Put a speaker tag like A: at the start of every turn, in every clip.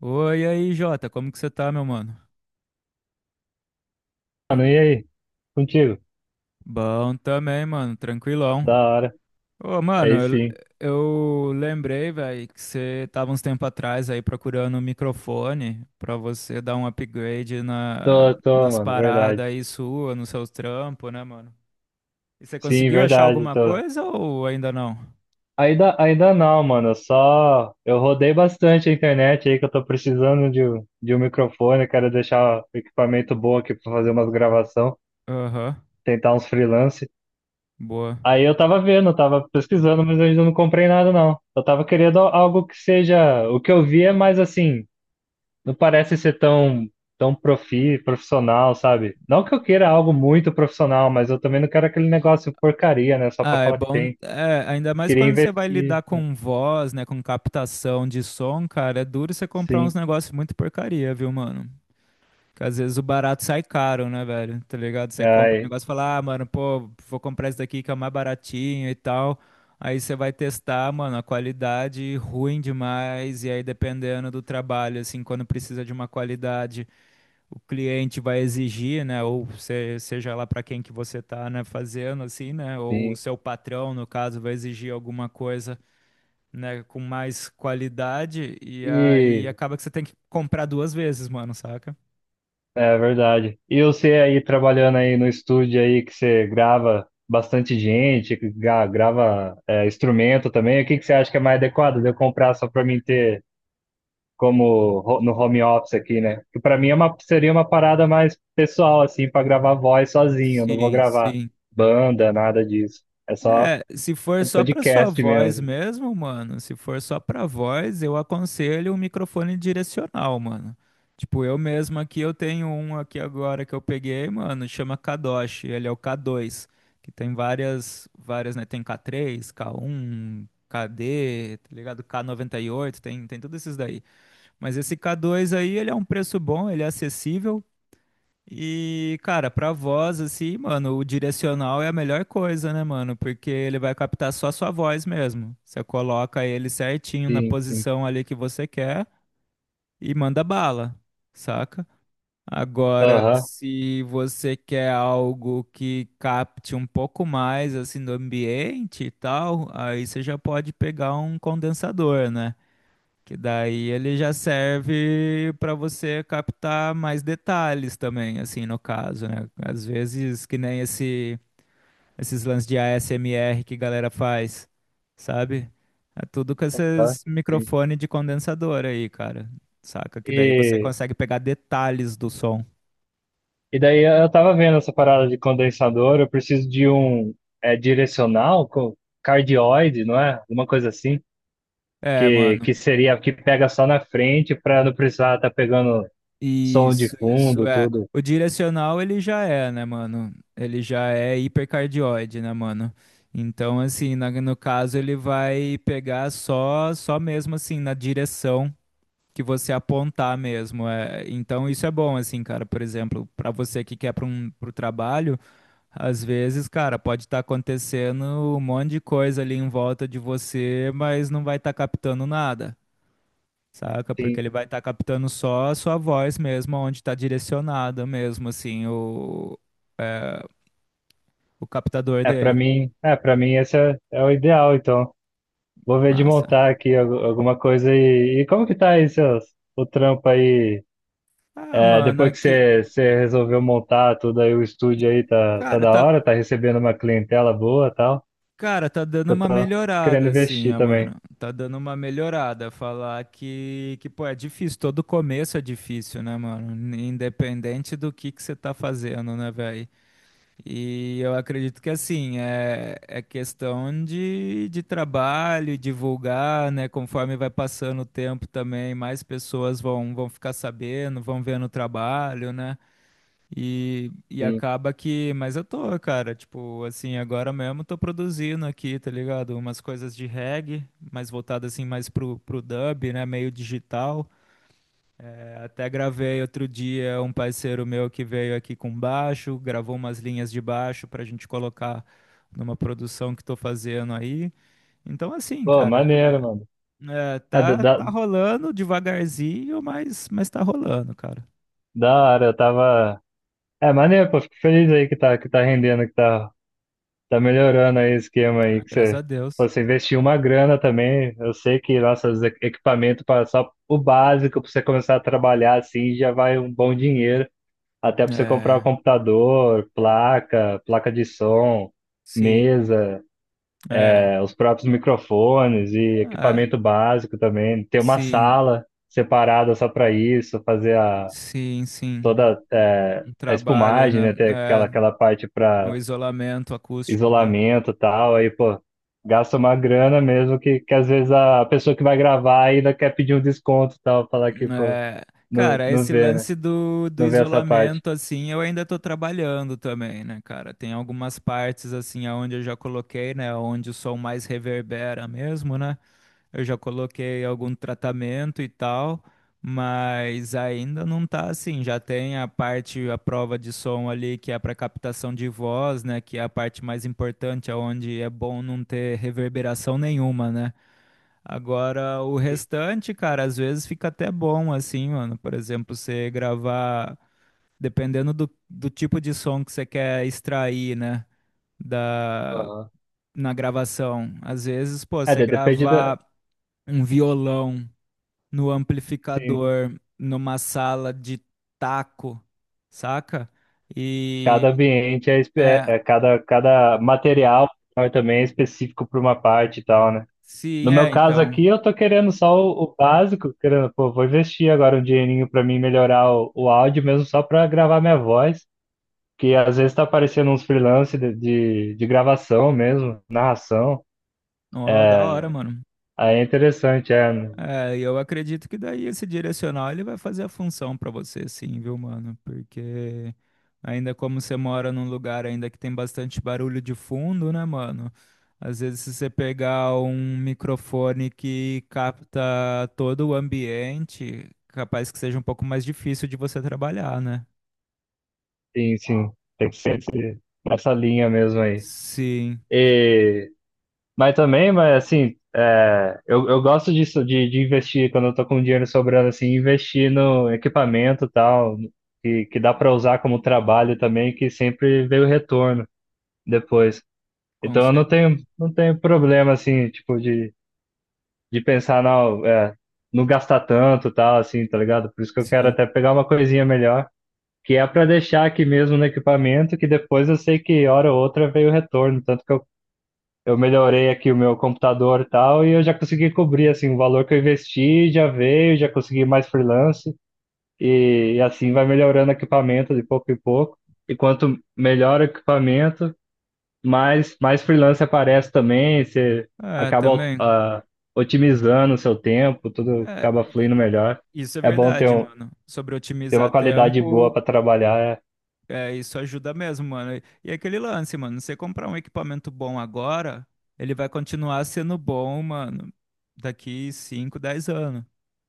A: Oi, e aí, Jota, como que você tá, meu mano?
B: Mano, e aí? Contigo?
A: Bom também, mano, tranquilão.
B: Da hora.
A: Ô, mano,
B: Aí
A: eu,
B: sim.
A: eu lembrei, velho, que você tava uns tempo atrás aí procurando um microfone pra você dar um upgrade
B: Tô,
A: nas
B: mano, verdade.
A: paradas aí sua, nos seus trampos, né, mano? E você
B: Sim,
A: conseguiu achar
B: verdade,
A: alguma
B: tô.
A: coisa ou ainda não?
B: Ainda não, mano. Eu Só eu rodei bastante a internet aí que eu tô precisando de um microfone, quero deixar o equipamento bom aqui pra fazer umas gravação,
A: Aham,
B: tentar uns freelance.
A: boa.
B: Aí eu tava vendo, eu tava pesquisando, mas eu ainda não comprei nada não. Eu tava querendo algo que seja, o que eu vi é mais assim, não parece ser tão, tão profissional, sabe? Não que eu queira algo muito profissional, mas eu também não quero aquele negócio porcaria, né? Só pra
A: Ah, é
B: falar que
A: bom,
B: tem.
A: é, ainda mais
B: Queria
A: quando você vai
B: investir,
A: lidar com voz, né, com captação de som, cara, é duro você comprar uns
B: sim.
A: negócios muito porcaria, viu, mano? Porque às vezes o barato sai caro, né, velho? Tá ligado? Você compra um
B: Ai,
A: negócio e fala, ah, mano, pô, vou comprar esse daqui que é o mais baratinho e tal. Aí você vai testar, mano, a qualidade ruim demais, e aí dependendo do trabalho, assim, quando precisa de uma qualidade o cliente vai exigir, né, ou seja lá para quem que você está, né, fazendo assim, né, ou o
B: sim.
A: seu patrão, no caso, vai exigir alguma coisa, né, com mais qualidade e aí
B: E
A: acaba que você tem que comprar duas vezes, mano, saca?
B: é verdade. E você aí trabalhando aí no estúdio aí que você grava bastante gente, que grava instrumento também, o que que você acha que é mais adequado de eu comprar só pra mim ter como no home office aqui, né? Que para mim é uma, seria uma parada mais pessoal, assim, para gravar voz sozinho. Eu não vou
A: Sim,
B: gravar
A: sim.
B: banda, nada disso. É só
A: É, se for
B: um
A: só pra sua
B: podcast
A: voz
B: mesmo.
A: mesmo, mano, se for só pra voz, eu aconselho um microfone direcional, mano. Tipo, eu mesmo aqui, eu tenho um aqui agora que eu peguei, mano, chama Kadosh, ele é o K2. Que tem várias, várias, né, tem K3, K1, KD, tá ligado? K98. Tem tudo esses daí. Mas esse K2 aí, ele é um preço bom, ele é acessível, e, cara, pra voz, assim, mano, o direcional é a melhor coisa, né, mano? Porque ele vai captar só a sua voz mesmo. Você coloca ele certinho na
B: Sim, sim.
A: posição ali que você quer e manda bala, saca? Agora,
B: Aham,
A: se você quer algo que capte um pouco mais, assim, do ambiente e tal, aí você já pode pegar um condensador, né? Que daí ele já serve para você captar mais detalhes também, assim, no caso, né? Às vezes, que nem esses lances de ASMR que a galera faz, sabe? É tudo com
B: aham,
A: esses
B: sim.
A: microfone de condensador aí, cara. Saca? Que daí você
B: E,
A: consegue pegar detalhes do som.
B: e daí eu tava vendo essa parada de condensador, eu preciso de um direcional com cardioide, não é? Uma coisa assim.
A: É,
B: Que,
A: mano.
B: que seria que pega só na frente para não precisar estar tá pegando som de
A: Isso
B: fundo,
A: é.
B: tudo.
A: O direcional ele já é, né, mano? Ele já é hipercardioide, né, mano? Então, assim, no caso ele vai pegar só mesmo assim na direção que você apontar mesmo. É. Então isso é bom, assim, cara. Por exemplo, pra você que quer para um pro trabalho, às vezes, cara, pode estar acontecendo um monte de coisa ali em volta de você, mas não vai estar captando nada. Saca? Porque ele vai estar captando só a sua voz mesmo, onde está direcionada mesmo, assim, é, o captador
B: É, pra
A: dele.
B: mim, é, para mim esse é o ideal, então. Vou ver de
A: Massa.
B: montar aqui alguma coisa e como que tá aí seus, o trampo aí?
A: Ah,
B: É,
A: mano,
B: depois que
A: aqui.
B: você resolveu montar tudo aí, o estúdio aí tá
A: Cara,
B: da
A: tá.
B: hora, tá recebendo uma clientela boa e tal,
A: Cara, tá dando
B: que eu
A: uma
B: tô querendo
A: melhorada, assim,
B: investir
A: ó, mano.
B: também.
A: Tá dando uma melhorada. Falar que, pô, é difícil. Todo começo é difícil, né, mano? Independente do que você tá fazendo, né, velho? E eu acredito que assim, é questão de trabalho, divulgar, né? Conforme vai passando o tempo também, mais pessoas vão ficar sabendo, vão vendo o trabalho, né? E
B: Sim.
A: acaba que. Mas eu tô, cara, tipo, assim, agora mesmo tô produzindo aqui, tá ligado? Umas coisas de reggae, mais voltado assim, mais pro dub, né? Meio digital. É, até gravei outro dia um parceiro meu que veio aqui com baixo, gravou umas linhas de baixo para a gente colocar numa produção que estou fazendo aí. Então, assim,
B: Pô,
A: cara,
B: maneiro, mano. É,
A: tá, tá rolando devagarzinho, mas tá rolando, cara.
B: da hora, eu tava... É, maneiro, pô, fico feliz aí que tá rendendo, que tá tá melhorando aí o esquema aí
A: Ah,
B: que
A: graças
B: você,
A: a Deus.
B: pô, você investiu uma grana também. Eu sei que nossos equipamentos para só o básico para você começar a trabalhar assim já vai um bom dinheiro, até para você comprar o
A: É,
B: computador, placa de som,
A: sim,
B: mesa,
A: é,
B: é, os próprios microfones e
A: é,
B: equipamento básico também. Ter uma
A: sim,
B: sala separada só para isso, fazer a
A: sim, sim.
B: toda
A: Um
B: a
A: trabalho,
B: espumagem, né?
A: né?
B: Ter aquela
A: É,
B: aquela parte
A: no
B: para
A: isolamento acústico, né?
B: isolamento e tal, aí, pô, gasta uma grana mesmo que às vezes a pessoa que vai gravar ainda quer pedir um desconto e tal, falar que, pô,
A: É,
B: não,
A: cara,
B: não
A: esse
B: vê, né?
A: lance do
B: Não vê essa parte.
A: isolamento, assim, eu ainda tô trabalhando também, né, cara? Tem algumas partes, assim, aonde eu já coloquei, né, onde o som mais reverbera mesmo, né? Eu já coloquei algum tratamento e tal, mas ainda não tá assim. Já tem a parte, a prova de som ali, que é para captação de voz, né, que é a parte mais importante, aonde é bom não ter reverberação nenhuma, né? Agora, o
B: Sim.
A: restante, cara, às vezes fica até bom, assim, mano. Por exemplo, você gravar, dependendo do tipo de som que você quer extrair, né, da,
B: Aham.
A: na gravação. Às vezes, pô,
B: É,
A: você
B: depende da,
A: gravar um violão no
B: sim,
A: amplificador, numa sala de taco, saca?
B: cada
A: E,
B: ambiente é, é,
A: é,
B: é cada material também é específico para uma parte e tal, né?
A: sim,
B: No meu
A: é,
B: caso
A: então.
B: aqui, eu tô querendo só o básico, querendo, pô, vou investir agora um dinheirinho para mim melhorar o áudio mesmo só para gravar minha voz. Que às vezes tá aparecendo uns freelance de gravação mesmo, narração.
A: Ó, da hora, mano.
B: Aí é interessante, é. Né?
A: É, e eu acredito que daí esse direcional ele vai fazer a função pra você, sim, viu, mano? Porque ainda como você mora num lugar ainda que tem bastante barulho de fundo, né, mano? Às vezes se você pegar um microfone que capta todo o ambiente, capaz que seja um pouco mais difícil de você trabalhar, né?
B: Sim, sim. Tem que ser nessa linha mesmo aí.
A: Sim,
B: E, mas também, mas assim, é, eu gosto disso, de investir, quando eu tô com dinheiro sobrando, assim, investir no equipamento e tal, que dá para usar como trabalho também, que sempre veio retorno depois.
A: com
B: Então eu não
A: certeza.
B: tenho, não tenho problema, assim, tipo, de pensar, não, é, não gastar tanto, tal, assim, tá ligado? Por isso que eu quero
A: Sim.
B: até pegar uma coisinha melhor, que é para deixar aqui mesmo no equipamento, que depois eu sei que hora ou outra veio o retorno, tanto que eu melhorei aqui o meu computador e tal, e eu já consegui cobrir, assim, o valor que eu investi já veio, já consegui mais freelance, e assim vai melhorando o equipamento de pouco em pouco, e quanto melhor o equipamento, mais freelance aparece também, você
A: É,
B: acaba
A: também.
B: otimizando o seu tempo, tudo
A: É,
B: acaba
A: i-
B: fluindo melhor.
A: isso é
B: É bom ter,
A: verdade,
B: um,
A: mano. Sobre
B: ter uma
A: otimizar
B: qualidade boa
A: tempo,
B: para trabalhar,
A: é, isso ajuda mesmo, mano. E aquele lance, mano, você comprar um equipamento bom agora, ele vai continuar sendo bom, mano, daqui 5, 10 anos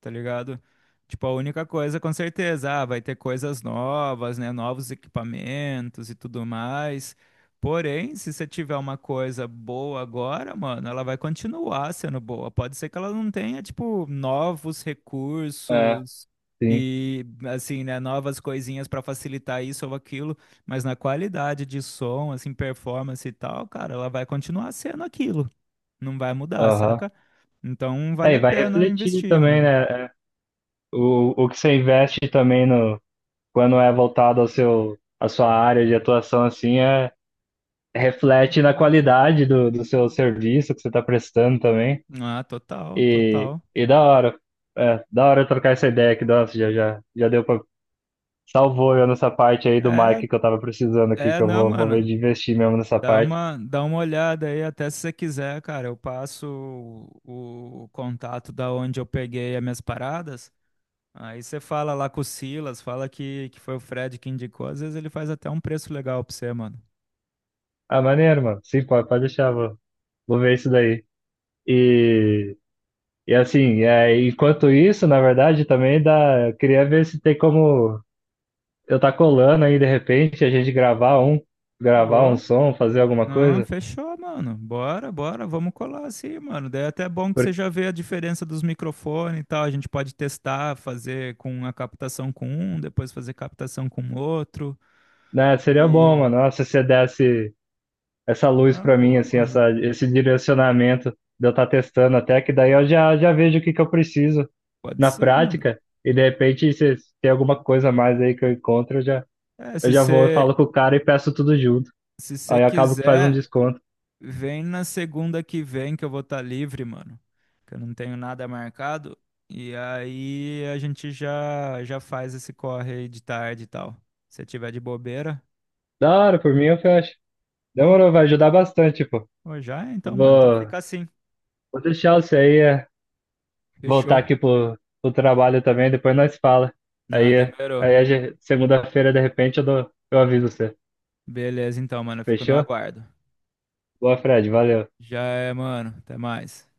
A: tá ligado? Tipo, a única coisa, com certeza, ah, vai ter coisas novas, né? Novos equipamentos e tudo mais. Porém, se você tiver uma coisa boa agora, mano, ela vai continuar sendo boa. Pode ser que ela não tenha, tipo, novos
B: é, é,
A: recursos
B: sim,
A: e, assim, né, novas coisinhas pra facilitar isso ou aquilo, mas na qualidade de som, assim, performance e tal, cara, ela vai continuar sendo aquilo. Não vai mudar,
B: aham.
A: saca? Então vale
B: É, e
A: a
B: vai
A: pena
B: refletir
A: investir,
B: também,
A: mano.
B: né? É, o que você investe também no, quando é voltado ao seu, à sua área de atuação, assim, é, reflete na qualidade do, do seu serviço que você está prestando também.
A: Ah, total, total.
B: E da hora, é, da hora trocar essa ideia aqui, nossa, já deu para salvou eu nessa parte aí do
A: É,
B: Mike que eu tava precisando aqui, que
A: é,
B: eu
A: não,
B: vou
A: mano.
B: ver de investir mesmo nessa
A: Dá
B: parte.
A: uma, dá uma olhada aí, até se você quiser, cara. Eu passo o contato da onde eu peguei as minhas paradas. Aí você fala lá com o Silas, fala que foi o Fred que indicou. Às vezes ele faz até um preço legal pra você, mano.
B: Ah, maneiro, mano. Sim, pode, pode deixar, vou ver isso daí. E, e assim, é, enquanto isso, na verdade, também dá. Eu queria ver se tem como eu tá colando aí de repente, a gente gravar um
A: Ô,
B: som, fazer alguma
A: não,
B: coisa.
A: fechou, mano. Bora, bora, vamos colar assim, mano. Daí é até bom que você
B: Porque,
A: já vê a diferença dos microfones e tal. A gente pode testar, fazer com a captação com um, depois fazer captação com outro.
B: né, seria bom,
A: E.
B: mano. Nossa, se você desse essa luz
A: Ah,
B: pra mim,
A: boa,
B: assim,
A: mano.
B: essa, esse direcionamento de eu estar testando até que daí eu já vejo o que que eu preciso
A: Pode
B: na
A: ser, mano.
B: prática, e de repente, se tem alguma coisa a mais aí que eu encontro,
A: É,
B: eu
A: se
B: já vou e
A: você
B: falo com o cara e peço tudo junto.
A: se você
B: Aí eu acabo que faz um
A: quiser,
B: desconto.
A: vem na segunda que vem que eu vou estar livre, mano. Que eu não tenho nada marcado. E aí a gente já já faz esse corre aí de tarde e tal. Se tiver de bobeira,
B: Da hora, por mim eu fecho.
A: pô,
B: Demorou, vai ajudar bastante, pô.
A: pô, já é
B: Eu
A: então, mano. Então
B: Vou,
A: fica assim.
B: vou deixar você aí é, voltar
A: Fechou.
B: aqui pro, pro trabalho também, depois nós fala.
A: Não,
B: Aí, é,
A: demorou.
B: aí segunda-feira, de repente, eu dou, eu aviso você.
A: Beleza, então, mano. Eu fico no
B: Fechou?
A: aguardo.
B: Boa, Fred, valeu.
A: Já é, mano. Até mais.